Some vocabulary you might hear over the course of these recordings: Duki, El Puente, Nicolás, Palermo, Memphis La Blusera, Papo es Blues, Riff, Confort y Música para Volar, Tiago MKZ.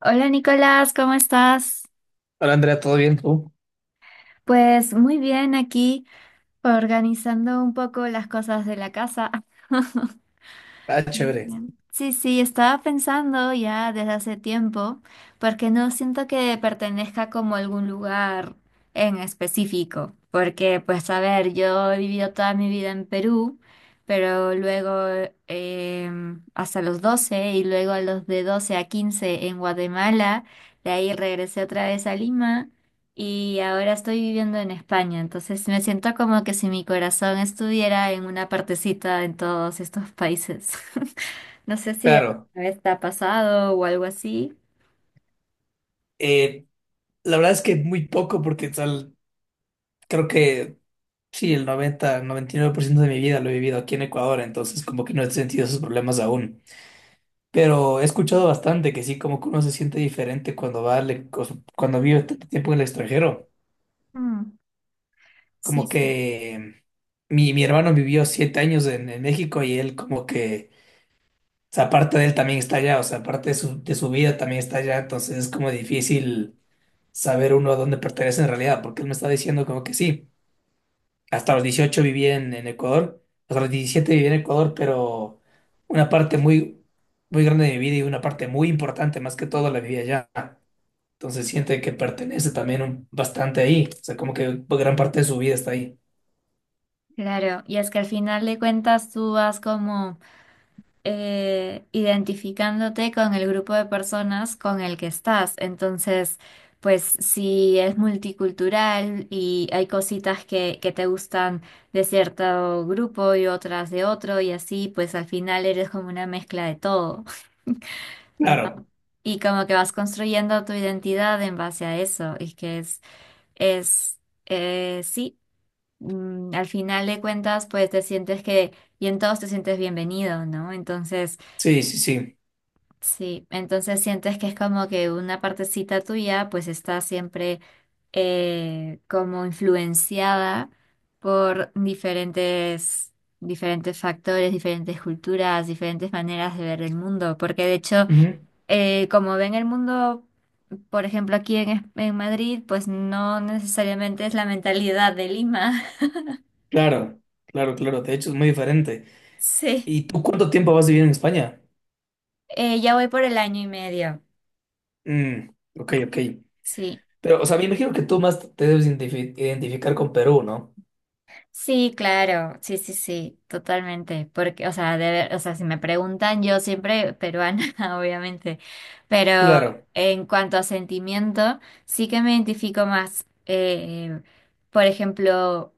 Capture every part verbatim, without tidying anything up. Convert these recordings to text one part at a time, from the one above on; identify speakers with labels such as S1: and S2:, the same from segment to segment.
S1: Hola Nicolás, ¿cómo estás?
S2: Hola Andrea, ¿todo bien tú?
S1: Pues muy bien aquí, organizando un poco las cosas de la casa.
S2: Ah,
S1: Bien,
S2: chévere.
S1: bien. Sí, sí, estaba pensando ya desde hace tiempo, porque no siento que pertenezca como a algún lugar en específico, porque pues a ver, yo he vivido toda mi vida en Perú, pero luego em, hasta los doce y luego a los de doce a quince en Guatemala. De ahí regresé otra vez a Lima y ahora estoy viviendo en España. Entonces me siento como que si mi corazón estuviera en una partecita en todos estos países. No sé si a
S2: Claro.
S1: vez te ha pasado o algo así.
S2: Eh, la verdad es que muy poco porque tal, creo que sí, el noventa noventa y nueve por ciento de mi vida lo he vivido aquí en Ecuador, entonces como que no he sentido esos problemas aún. Pero he escuchado bastante que sí, como que uno se siente diferente cuando va al e- o sea, cuando vive tanto tiempo en el extranjero.
S1: Mm, sí,
S2: Como
S1: sí.
S2: que mi, mi hermano vivió siete años en, en México y él como que, o sea, parte de él también está allá, o sea, parte de su, de su vida también está allá, entonces es como difícil saber uno a dónde pertenece en realidad, porque él me está diciendo como que sí, hasta los dieciocho viví en, en Ecuador, hasta los diecisiete viví en Ecuador, pero una parte muy, muy grande de mi vida y una parte muy importante más que todo la viví allá. Entonces siente que pertenece también un- bastante ahí, o sea, como que gran parte de su vida está ahí.
S1: Claro, y es que al final de cuentas tú vas como eh, identificándote con el grupo de personas con el que estás. Entonces, pues si es multicultural y hay cositas que, que te gustan de cierto grupo y otras de otro y así, pues al final eres como una mezcla de todo, ¿no?
S2: Claro,
S1: Y como que vas construyendo tu identidad en base a eso, y que es, es, eh, Sí. mm, Al final de cuentas, pues te sientes que, y en todos te sientes bienvenido, ¿no? Entonces,
S2: sí, sí, sí.
S1: sí, entonces sientes que es como que una partecita tuya pues está siempre eh, como influenciada por diferentes, diferentes factores, diferentes culturas, diferentes maneras de ver el mundo. Porque de hecho
S2: Ujú.
S1: eh, como ven el mundo, por ejemplo aquí en Es- en Madrid, pues no necesariamente es la mentalidad de Lima.
S2: Claro, claro, claro, de hecho es muy diferente.
S1: Sí.
S2: ¿Y tú cuánto tiempo vas a vivir en España?
S1: Eh, ya voy por el año y medio.
S2: Mm, ok, ok.
S1: Sí.
S2: Pero, o sea, me imagino que tú más te debes identifi- identificar con Perú, ¿no?
S1: Sí, claro, sí, sí, sí, totalmente, porque, o sea, de ver- o sea, si me preguntan, yo siempre peruana, obviamente, pero
S2: Claro,
S1: en cuanto a sentimiento, sí que me identifico más. Eh, por ejemplo,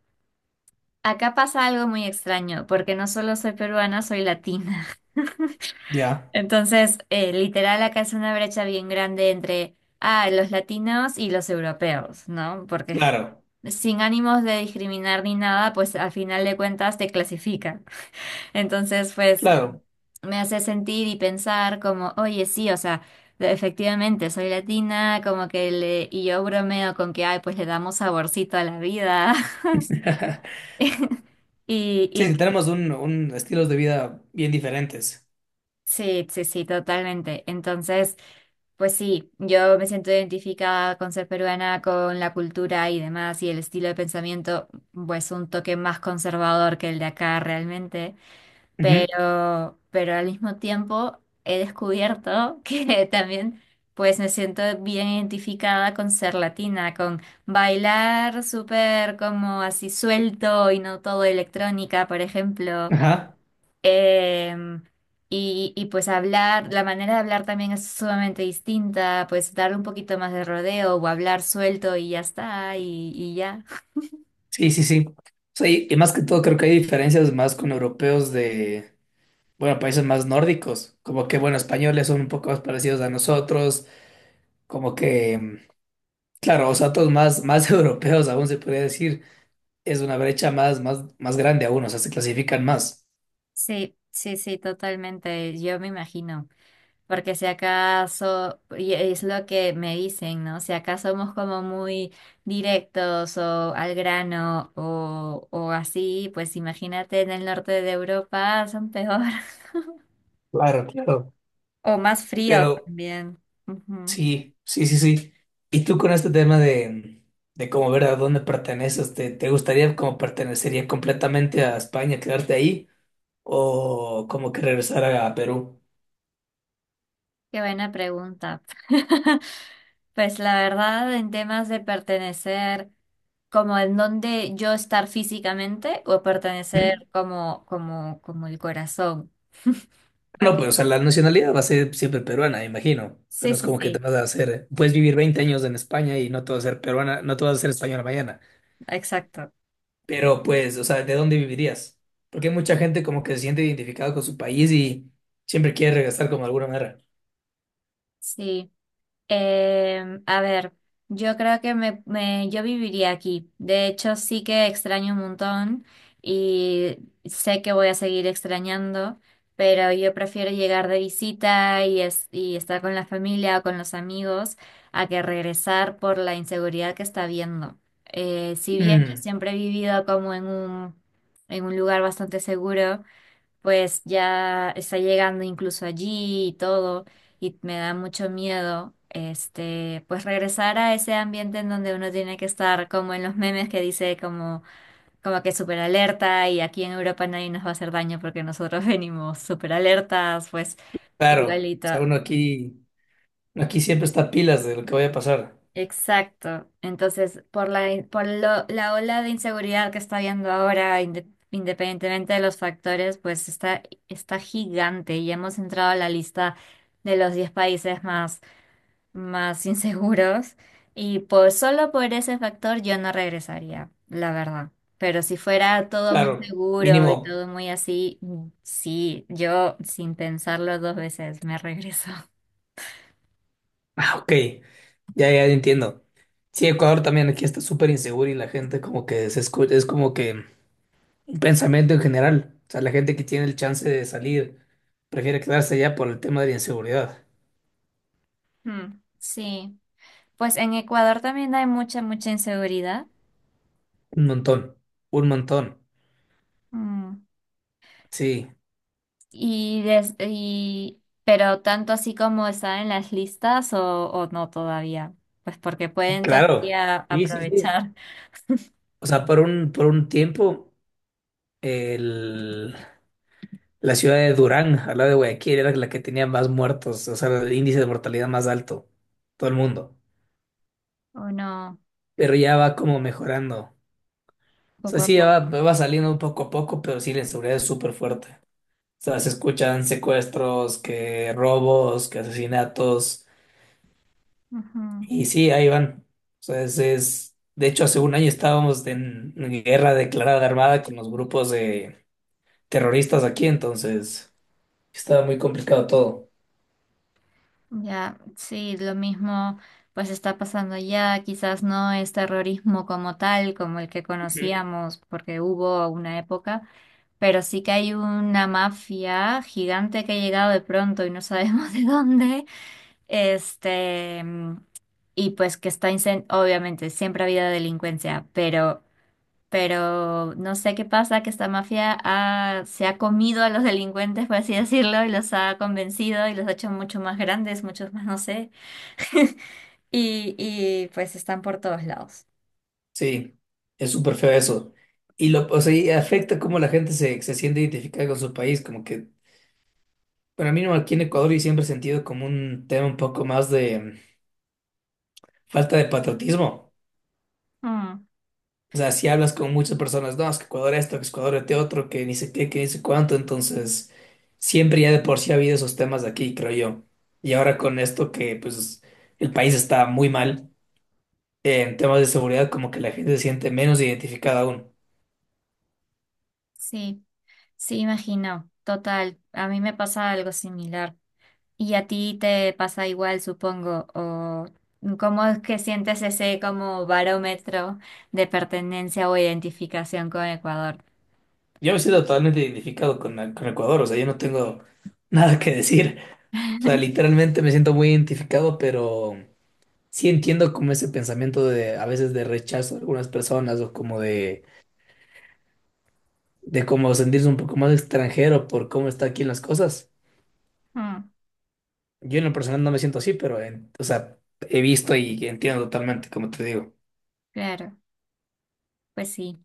S1: acá pasa algo muy extraño, porque no solo soy peruana, soy latina.
S2: ya,
S1: Entonces, eh, literal, acá es una brecha bien grande entre ah, los latinos y los europeos, ¿no? Porque
S2: claro,
S1: sin ánimos de discriminar ni nada, pues al final de cuentas te clasifica. Entonces, pues
S2: claro.
S1: me hace sentir y pensar como, oye, sí, o sea, de- efectivamente soy latina, como que le, y yo bromeo con que, ay, pues le damos saborcito a la vida. Y,
S2: Sí, es
S1: y
S2: que tenemos un, un estilos de vida bien diferentes.
S1: sí, sí, sí, totalmente. Entonces, pues sí, yo me siento identificada con ser peruana, con la cultura y demás, y el estilo de pensamiento, pues un toque más conservador que el de acá realmente.
S2: Ujú.
S1: pero, pero al mismo tiempo he descubierto que también, pues me siento bien identificada con ser latina, con bailar súper como así suelto y no todo electrónica, por ejemplo.
S2: Ajá,
S1: Em, y, y pues hablar, la manera de hablar también es sumamente distinta, pues darle un poquito más de rodeo o hablar suelto y ya está, y, y ya.
S2: sí, sí, sí. O sea, y, y más que todo creo que hay diferencias más con europeos de, bueno, países más nórdicos, como que, bueno, españoles son un poco más parecidos a nosotros, como que, mm, claro, o sea, todos más, más europeos aún se podría decir, es una brecha más, más, más grande aún, o sea, se clasifican más.
S1: Sí, sí, sí, totalmente, yo me imagino, porque si acaso, y es lo que me dicen, ¿no? Si acaso somos como muy directos o al grano o, o así, pues imagínate en el norte de Europa son peor
S2: Claro, claro.
S1: o más fríos
S2: Pero
S1: también. Ujú.
S2: sí, sí, sí, sí. ¿Y tú con este tema de, de cómo ver a dónde perteneces, te, te gustaría como pertenecería completamente a España, quedarte ahí o como que regresar a Perú?
S1: Qué buena pregunta. Pues la verdad, en temas de pertenecer, como en dónde yo estar físicamente o pertenecer
S2: Ujú.
S1: como, como, como el corazón.
S2: No, pues o sea, la nacionalidad va a ser siempre peruana, me imagino. O sea,
S1: Sí,
S2: no es
S1: sí,
S2: como que te
S1: sí,
S2: vas a hacer, puedes vivir veinte años en España y no te vas a ser peruana, no te vas a ser española mañana.
S1: exacto.
S2: Pero pues, o sea, ¿de dónde vivirías? Porque hay mucha gente como que se siente identificada con su país y siempre quiere regresar como de alguna manera.
S1: Sí. Em, a ver, yo creo que me, me- yo viviría aquí. De hecho, sí que extraño un montón y sé que voy a seguir extrañando, pero yo prefiero llegar de visita y, es- y estar con la familia o con los amigos a que regresar por la inseguridad que está habiendo. Eh, si bien yo
S2: Mm.
S1: siempre he vivido como en un, en un lugar bastante seguro, pues ya está llegando incluso allí y todo, y me da mucho miedo, este, pues regresar a ese ambiente en donde uno tiene que estar como en los memes que dice como, como que súper alerta, y aquí en Europa nadie nos va a hacer daño porque nosotros venimos súper alertas, pues
S2: Claro, o
S1: igualito.
S2: sea, uno aquí, uno aquí siempre está pilas de lo que vaya a pasar.
S1: Exacto. Entonces, por la, in- por lo- la ola de inseguridad que está habiendo ahora, inde- independientemente de los factores, pues está, está gigante y hemos entrado a la lista de los diez países más, más inseguros. Y por, solo por ese factor yo no regresaría, la verdad. Pero si fuera todo muy
S2: Claro,
S1: seguro y
S2: mínimo.
S1: todo muy así, mm, sí, yo sin pensarlo dos veces me regreso.
S2: Ah, ok, ya, ya entiendo. Sí, Ecuador también aquí está súper inseguro y la gente como que se escucha, es como que un pensamiento en general. O sea, la gente que tiene el chance de salir prefiere quedarse allá por el tema de la inseguridad.
S1: Mm, sí. Pues en Ecuador también hay mucha, mucha inseguridad.
S2: Un montón, un montón.
S1: Mm.
S2: Sí,
S1: Y, des- y- pero tanto así como están en las listas o, o no todavía. Pues porque pueden
S2: claro.
S1: todavía
S2: Sí, sí, sí.
S1: aprovechar
S2: O sea, por un, por un tiempo, el la ciudad de Durán, al lado de Guayaquil, era la que tenía más muertos, o sea, el índice de mortalidad más alto, todo el mundo.
S1: o no,
S2: Pero ya va como mejorando. O sea,
S1: poco a
S2: sí, ya va,
S1: poco.
S2: va saliendo poco a poco, pero sí, la inseguridad es súper fuerte. O sea, se escuchan secuestros, que robos, que asesinatos,
S1: Ujú.
S2: y sí, ahí van. O sea, es, es... De hecho, hace un año estábamos en guerra declarada armada con los grupos de terroristas aquí, entonces estaba muy complicado todo.
S1: Ya, sí, lo mismo pues está pasando ya. Quizás no es terrorismo como tal, como el que conocíamos, porque hubo una época. Pero sí que hay una mafia gigante que ha llegado de pronto y no sabemos de dónde. Este, mm, y pues que está, incen- obviamente, siempre ha habido delincuencia, pero, pero no sé qué pasa, que esta mafia ha- se ha comido a los delincuentes, por así decirlo, y los ha convencido y los ha hecho mucho más grandes, muchos más, no sé. Y, y pues están por todos lados.
S2: Sí, es súper feo eso. Y lo, o sea, y afecta cómo la gente se, se siente identificada con su país, como que para mí no aquí en Ecuador y siempre he sentido como un tema un poco más de mm, falta de patriotismo.
S1: Mm,
S2: O sea, si hablas con muchas personas, no, es que Ecuador esto, que Ecuador este otro, que ni sé qué, que ni sé cuánto, entonces siempre ya de por sí ha habido esos temas de aquí, creo yo. Y ahora con esto que pues el país está muy mal eh, en temas de seguridad, como que la gente se siente menos identificada aún.
S1: sí, sí, imagino. Total, a mí me pasa algo similar. Y a ti te pasa igual, supongo, o cómo es que sientes ese como barómetro de pertenencia o identificación con Ecuador.
S2: Yo me siento totalmente identificado con, la- con Ecuador, o sea, yo no tengo nada que decir. O sea, literalmente me siento muy identificado, pero sí entiendo como ese pensamiento de a veces de rechazo a algunas personas o como de, de como sentirse un poco más extranjero por cómo está aquí en las cosas.
S1: Mm,
S2: Yo en lo personal no me siento así, pero en- o sea, he visto y entiendo totalmente, como te digo.
S1: claro, pues sí,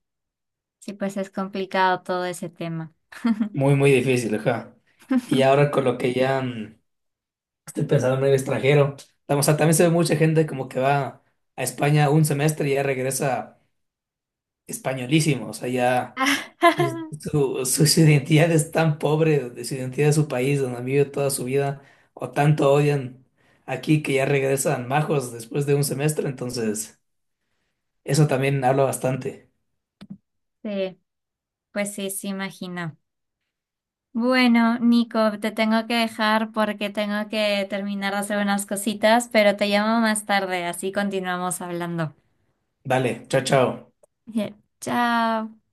S1: sí, pues es complicado todo ese tema.
S2: Muy, muy difícil, ajá. Y ahora con lo que ya mm, estoy pensando en el extranjero. O sea, también se ve mucha gente como que va a España un semestre y ya regresa españolísimo. O sea, ya pues, su, su- su identidad es tan pobre, de su identidad de su país donde han vivido toda su vida, o tanto odian aquí que ya regresan majos después de un semestre. Entonces, eso también habla bastante.
S1: Sí, pues sí, sí, imagino. Bueno, Nico, te tengo que dejar porque tengo que terminar de hacer unas cositas, pero te llamo más tarde, así continuamos hablando.
S2: Vale, chao, chao.
S1: Bien, chao.